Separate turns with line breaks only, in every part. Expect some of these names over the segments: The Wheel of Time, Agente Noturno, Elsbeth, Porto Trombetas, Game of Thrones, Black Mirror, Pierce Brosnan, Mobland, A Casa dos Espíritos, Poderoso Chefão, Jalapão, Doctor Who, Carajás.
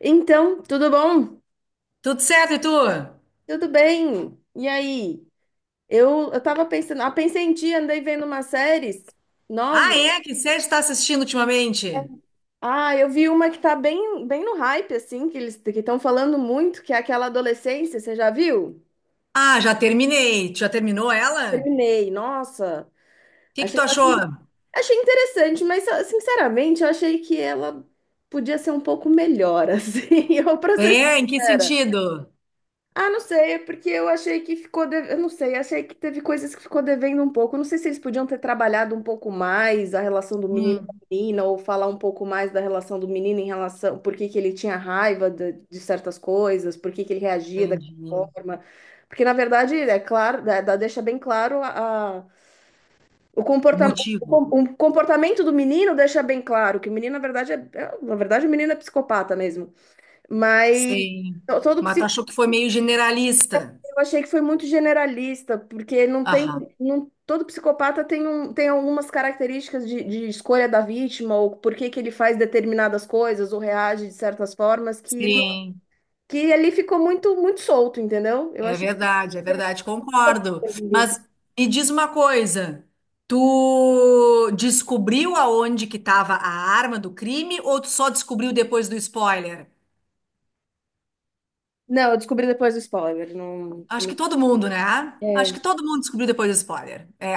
Então, tudo bom?
Tudo certo, e tu?
Tudo bem? E aí? Eu tava pensando, pensei em ti, andei vendo umas séries
Ah,
novas.
é? Que série tu tá assistindo ultimamente?
Ah, eu vi uma que tá bem no hype, assim, que eles que estão falando muito, que é aquela adolescência, você já viu?
Ah, já terminei. Tu já terminou ela? O
Terminei, nossa,
que que
achei,
tu achou?
achei interessante, mas sinceramente, eu achei que ela podia ser um pouco melhor, assim, eu, pra ser
É, em que
sincera.
sentido?
Ah, não sei, é porque eu achei que eu não sei, achei que teve coisas que ficou devendo um pouco. Eu não sei se eles podiam ter trabalhado um pouco mais a relação do menino com a
Hum,
menina, ou falar um pouco mais da relação do menino em relação, por que que ele tinha raiva de certas coisas, por que que ele reagia daquela
entendi.
forma. Porque, na verdade, é claro, deixa bem claro
O motivo.
o comportamento do menino deixa bem claro que o menino, na verdade, na verdade, o menino é psicopata mesmo. Mas
Sim.
todo
Mas tu achou que foi meio generalista?
eu achei que foi muito generalista, porque não tem,
Aham.
não, todo psicopata tem, um, tem algumas características de escolha da vítima, ou por que que ele faz determinadas coisas, ou reage de certas formas, que, não-
Sim,
que ali ficou muito solto, entendeu? Eu achei que
é verdade,
ficou
concordo.
devendo.
Mas me diz uma coisa, tu descobriu aonde que estava a arma do crime ou tu só descobriu depois do spoiler?
Não, eu descobri depois do spoiler.
Acho que todo mundo, né? Acho
É,
que todo mundo descobriu depois do spoiler. É,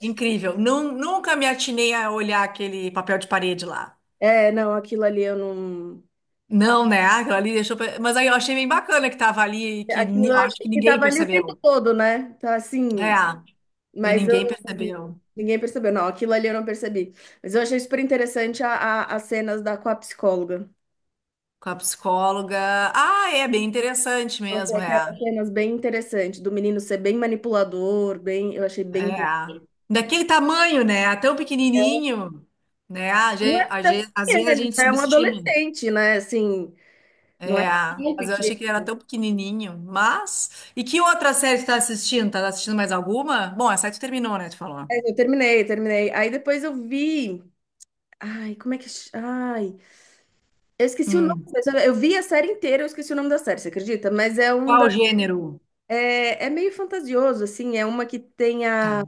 incrível. Não, nunca me atinei a olhar aquele papel de parede lá.
não, aquilo ali eu não.
Não, né? Aquilo ali deixou. Mas aí eu achei bem bacana que tava ali, e que
Aquilo eu
acho
achei
que
que
ninguém
tava ali o tempo
percebeu.
todo, né? Tá assim.
É, e
Mas eu
ninguém
não-
percebeu.
ninguém percebeu. Não, aquilo ali eu não percebi. Mas eu achei super interessante as cenas da, com a psicóloga.
Com a psicóloga. Ah, é bem interessante
Eu achei
mesmo, é.
aquelas cenas bem interessantes, do menino ser bem manipulador, bem, eu achei bem.
É. Daquele tamanho, né? Tão pequenininho, né? A
Não
gente,
é tão
às vezes
pequeno,
a
ele
gente
já é um
subestima.
adolescente, né? Assim, não é
É,
tão
mas eu
pequeno.
achei que ele era tão pequenininho, mas... E que outra série tu tá assistindo? Tá assistindo mais alguma? Bom, essa aí tu terminou, né, tu falou.
Mas eu terminei. Aí depois eu vi. Ai, como é que. Ch- Ai, eu esqueci o nome.
Hum.
Eu vi a série inteira, eu esqueci o nome da série, você acredita? Mas é um
Qual
da.
gênero?
É, é meio fantasioso, assim. É uma que tem
Tá.
a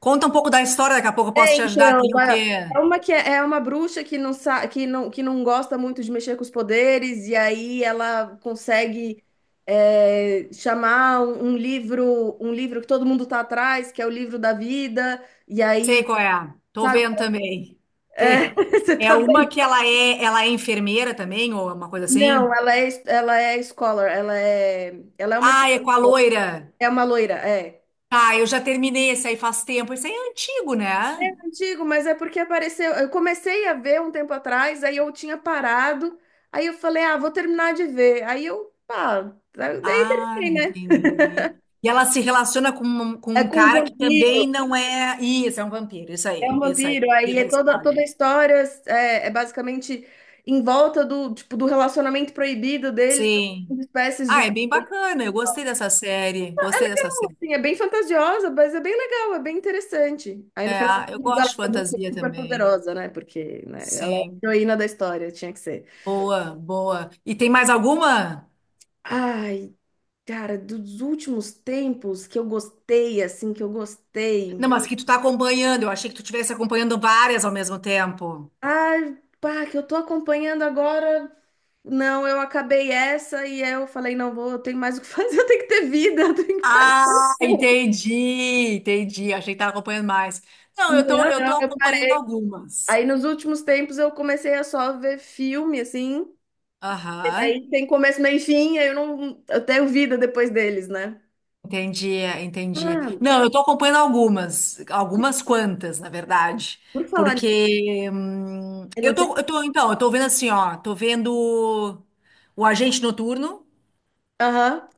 Conta um pouco da história, daqui a pouco eu posso
é,
te ajudar.
então,
Tem o quê?
é uma que é, é uma bruxa que não sa que não gosta muito de mexer com os poderes, e aí ela consegue é, chamar um livro que todo mundo tá atrás, que é o livro da vida, e
Sei
aí,
qual é. Tô
sabe?
vendo também.
É,
Tem.
você
É
tá
uma
vendo?
que ela é enfermeira também, ou uma coisa
Não,
assim?
ela é scholar, ela é uma,
Ah, é com a loira.
é uma loira, é.
Tá, eu já terminei esse aí faz tempo. Esse aí é antigo, né?
Digo, mas é porque apareceu. Eu comecei a ver um tempo atrás, aí eu tinha parado, aí eu falei, ah, vou terminar de ver. Aí eu, pá, daí
Ah,
terminei, né?
entendi. E ela se relaciona com, com
É
um
com um
cara que
vampiro,
também não é. Isso, é um vampiro. Isso
é
aí,
um
isso aí.
vampiro, aí
Queria
é
dar
toda
spoiler.
a história é, é basicamente em volta do, tipo, do relacionamento proibido deles,
Sim.
de espécies
Ah, é
de.
bem bacana. Eu gostei dessa série. Gostei dessa série.
Assim, é bem fantasiosa, mas é bem legal, é bem interessante. Aí no
É,
final das
eu
contas, ela
gosto de
é uma bruxa
fantasia
super
também.
poderosa, né? Porque, né, ela é
Sim.
a heroína da história, tinha que ser.
Boa, boa. E tem mais alguma?
Ai, cara, dos últimos tempos que eu gostei, assim, que eu gostei.
Não, mas que tu tá acompanhando. Eu achei que tu estivesse acompanhando várias ao mesmo tempo.
Ai, pá, que eu tô acompanhando agora. Não, eu acabei essa e eu falei, não vou, eu tenho mais o que fazer, eu tenho que ter vida, eu tenho que parar.
Ah, entendi, entendi. Achei que tava acompanhando mais. Não,
Não,
eu tô
não, eu
acompanhando
parei. Aí
algumas.
nos últimos tempos eu comecei a só ver filme, assim. E
Aham,
aí tem começo, meio e fim, aí eu não, eu tenho vida depois deles, né?
entendi, entendi.
Ah,
Não, eu tô acompanhando algumas, algumas quantas, na verdade,
por falar nisso,
porque
eu não sei.
então, eu tô vendo assim, ó, tô vendo o Agente Noturno,
Aham,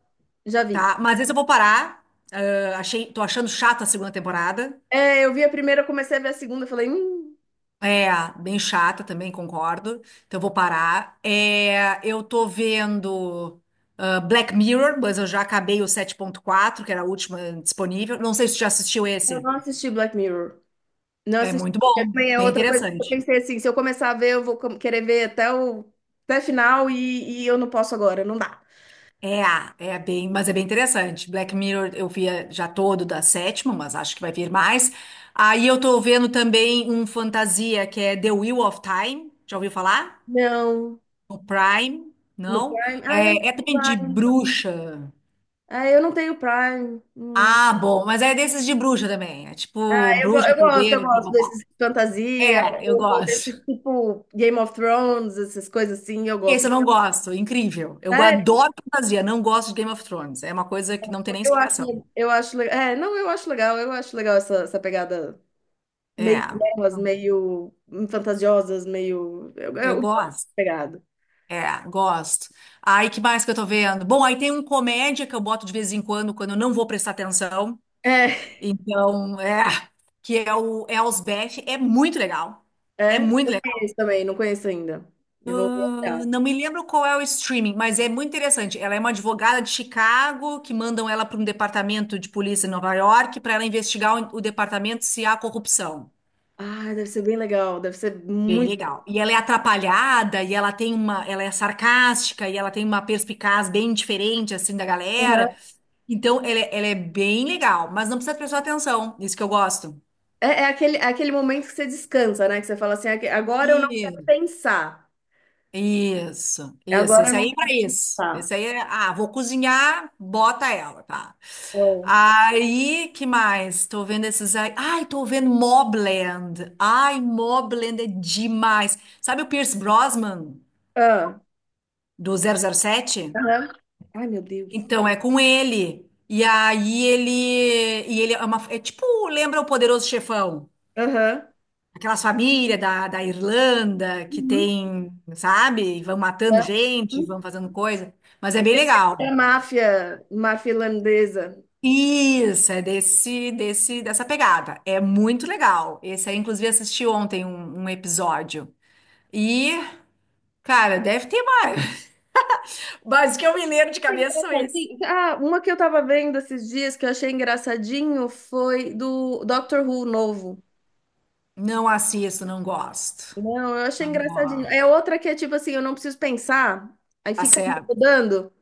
já vi.
tá? Mas esse eu vou parar, tô achando chata a segunda temporada,
É, eu vi a primeira, eu comecei a ver a segunda, eu falei,
é, bem chata também, concordo, então eu vou parar. É, eu tô vendo Black Mirror, mas eu já acabei o 7.4, que era a última disponível, não sei se tu já assistiu
eu
esse.
não assisti Black Mirror. Não
É
assisti.
muito bom,
Também é
bem
outra coisa que eu
interessante.
pensei assim, se eu começar a ver, eu vou querer ver até final e eu não posso agora, não dá.
É, mas é bem interessante. Black Mirror eu via já todo da sétima, mas acho que vai vir mais. Aí eu tô vendo também um fantasia que é The Wheel of Time. Já ouviu falar?
Não,
O Prime?
no
Não?
Prime. Ah, eu não
É
tenho
também de
Prime.
bruxa.
Ah, eu não tenho Prime. Hum.
Ah, bom, mas é desses de bruxa também. É
Ah,
tipo
eu,
bruxa,
eu
poder, blá
gosto
blá blá.
desses de fantasia,
É, eu
ou desse
gosto.
tipo Game of Thrones, essas coisas assim, eu
Esse
gosto.
eu não gosto, incrível. Eu
É,
adoro fantasia, não gosto de Game of Thrones. É uma coisa que não tem nem explicação.
eu acho, é, não, eu acho legal essa pegada meio
É.
delas, meio fantasiosas, meio, eu
Eu
gosto
gosto.
dessa pegada.
É, gosto. Aí, que mais que eu tô vendo? Bom, aí tem um comédia que eu boto de vez em quando, quando eu não vou prestar atenção.
É,
Então, é, que é o Elsbeth. É muito legal. É
é?
muito
Não
legal.
conheço também, não conheço ainda. Eu vou
Eu
olhar.
não me lembro qual é o streaming, mas é muito interessante. Ela é uma advogada de Chicago que mandam ela para um departamento de polícia em Nova York para ela investigar o departamento se há corrupção.
Ah, deve ser bem legal, deve ser
Bem
muito.
legal. E ela é atrapalhada, e ela é sarcástica, e ela tem uma perspicaz bem diferente assim da galera.
Aham.
Então, ela é bem legal, mas não precisa prestar atenção. Isso que eu gosto.
É, é aquele momento que você descansa, né? Que você fala assim, "Aque- agora eu não quero
Isso,
pensar.
isso, isso.
Agora eu
Esse aí é
não
pra
quero
isso.
pensar.
Esse aí é, vou cozinhar, bota ela, tá?
É.
Aí, que mais? Tô vendo esses aí. Ai, tô vendo Mobland. Ai, Mobland é demais. Sabe o Pierce Brosnan
Ah,
do 007?
aham. Ai, meu Deus.
Então, é com ele. E aí ele. E ele é uma. É tipo, lembra o Poderoso Chefão?
Aham.
Aquelas famílias da Irlanda que
Uhum.
tem, sabe? E vão matando
É
gente, vão fazendo coisa. Mas é bem
é
legal.
máfia, máfia irlandesa.
Isso, é dessa pegada. É muito legal. Esse aí, inclusive, assisti ontem um episódio. E, cara, deve ter mais. Mas o que eu me lembro de cabeça são esses.
Engraçadinho. Ah, uma que eu tava vendo esses dias que eu achei engraçadinho foi do Doctor Who novo.
Não assisto, não gosto.
Não, eu achei
Não
engraçadinho. É
gosto.
outra que é tipo assim, eu não preciso pensar, aí
Tá
fica ali
certo.
rodando,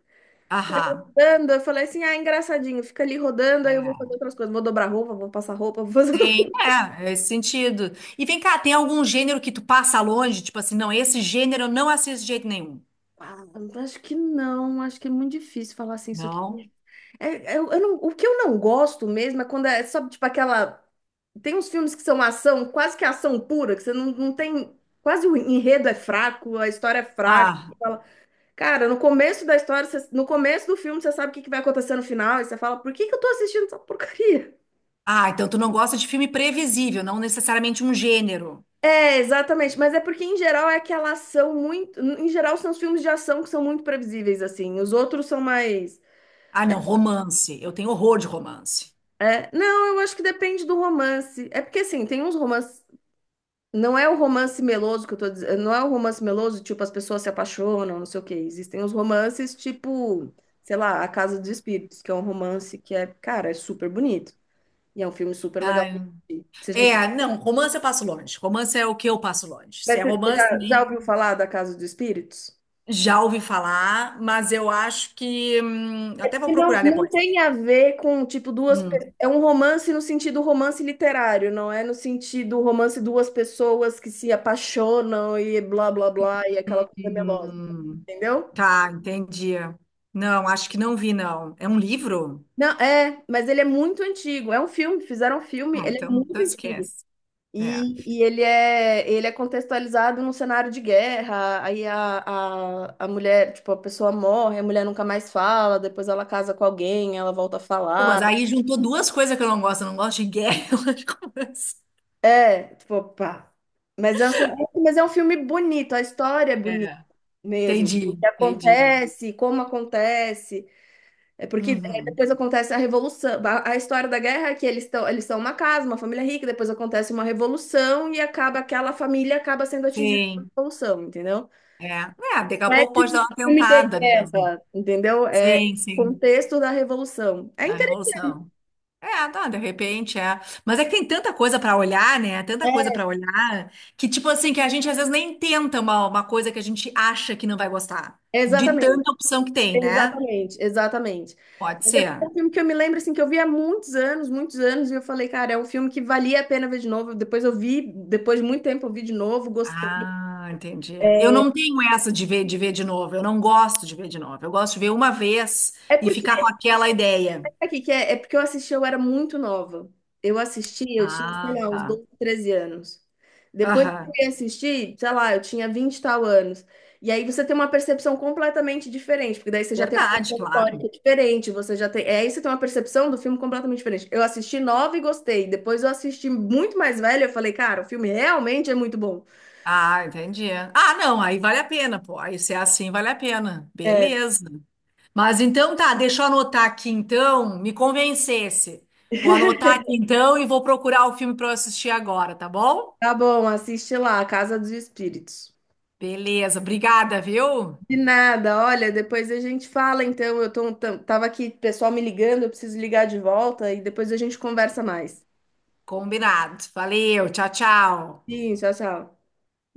fica ali
Aham.
rodando. Eu falei assim, ah, engraçadinho, fica ali rodando, aí eu vou
É,
fazer outras coisas, vou dobrar roupa, vou passar roupa, vou fazer
tem,
outra.
é esse sentido. E vem cá, tem algum gênero que tu passa longe? Tipo assim, não, esse gênero eu não assisto de jeito nenhum.
Ah, acho que não, acho que é muito difícil falar assim, isso
Não?
aqui. É, eu não, o que eu não gosto mesmo é quando é, só tipo aquela. Tem uns filmes que são ação, quase que ação pura, que você não, não tem. Quase o enredo é fraco, a história é fraca.
Ah,
Cara, no começo da história, no começo do filme, você sabe o que que vai acontecer no final, e você fala, por que que eu tô assistindo essa porcaria?
ah, então tu não gosta de filme previsível, não necessariamente um gênero.
É, exatamente, mas é porque em geral é aquela ação muito. Em geral, são os filmes de ação que são muito previsíveis, assim. Os outros são mais.
Ah, não, romance. Eu tenho horror de romance.
É, não, eu acho que depende do romance. É porque, assim, tem uns romances. Não é o romance meloso que eu tô dizendo. Não é o romance meloso, tipo, as pessoas se apaixonam, não sei o quê. Existem os romances, tipo, sei lá, A Casa dos Espíritos, que é um romance que é, cara, é super bonito. E é um filme super legal
Ai,
de assistir.
é, não, romance eu passo longe. Romance é o que eu passo longe. Se
Mas
é
você
romance, né,
já ouviu falar da Casa dos Espíritos?
já ouvi falar, mas eu acho que, até vou
E não,
procurar
não
depois.
tem a ver com, tipo,
Hum,
é um romance no sentido romance literário, não é no sentido romance duas pessoas que se apaixonam e blá, blá, blá, e aquela coisa melosa,
hum.
entendeu?
Tá, entendi. Não, acho que não vi, não. É um livro?
Não, é, mas ele é muito antigo. É um filme, fizeram um filme,
Ah,
ele é
então,
muito
então
antigo.
esquece. É.
Ele é contextualizado num cenário de guerra, aí a mulher, tipo, a pessoa morre, a mulher nunca mais fala, depois ela casa com alguém, ela volta a
Pô, mas
falar.
aí juntou duas coisas que eu não gosto. Eu não gosto de guerra, eu gosto de conversa.
É, tipo, pá. Mas é um, mas é um filme bonito, a história é bonita
É,
mesmo. O
entendi,
que
entendi.
acontece, como acontece. É porque é,
Uhum.
depois acontece a revolução. A história da guerra é que eles estão, eles são uma casa, uma família rica, depois acontece uma revolução e acaba aquela família acaba sendo atingida pela
Sim,
revolução, entendeu?
é. É, daqui a
Não é
pouco
tipo
pode dar
um
uma
filme de
tentada mesmo.
guerra, entendeu? É
Sim, sim,
contexto da revolução. É
da
interessante.
revolução. É, não, de repente é. Mas é que tem tanta coisa pra olhar, né? Tanta coisa pra olhar que, tipo assim, que a gente às vezes nem tenta uma coisa que a gente acha que não vai gostar. De
Exatamente,
tanta opção que tem, né?
exatamente.
Pode
Mas é porque é
ser.
um filme que eu me lembro assim que eu vi há muitos anos, e eu falei, cara, é um filme que valia a pena ver de novo. Depois eu vi, depois de muito tempo eu vi de novo, gostei.
Ah, entendi. Eu não tenho essa de ver, de novo. Eu não gosto de ver de novo. Eu gosto de ver uma vez
É
e
porque
ficar com aquela ideia.
Aqui que é, é porque eu assisti, eu era muito nova. Eu assisti, eu tinha, sei
Ah,
lá, uns
tá.
12, 13 anos. Depois que eu
Aham.
fui assistir, sei lá, eu tinha 20 e tal anos. E aí você tem uma percepção completamente diferente, porque daí você já tem uma
Verdade,
noção histórica
claro.
diferente, você já tem. É, aí você tem uma percepção do filme completamente diferente. Eu assisti nova e gostei. Depois eu assisti muito mais velha, eu falei, cara, o filme realmente é muito bom.
Ah, entendi. Ah, não, aí vale a pena, pô. Aí se é assim, vale a pena.
É,
Beleza. Mas então tá, deixa eu anotar aqui então, me convencesse. Vou anotar aqui então e vou procurar o filme para eu assistir agora, tá bom?
tá bom, assiste lá, A Casa dos Espíritos.
Beleza, obrigada, viu?
De nada, olha, depois a gente fala, então, eu tô, tava aqui, pessoal me ligando, eu preciso ligar de volta e depois a gente conversa mais.
Combinado. Valeu, tchau, tchau.
Sim, tchau, tchau.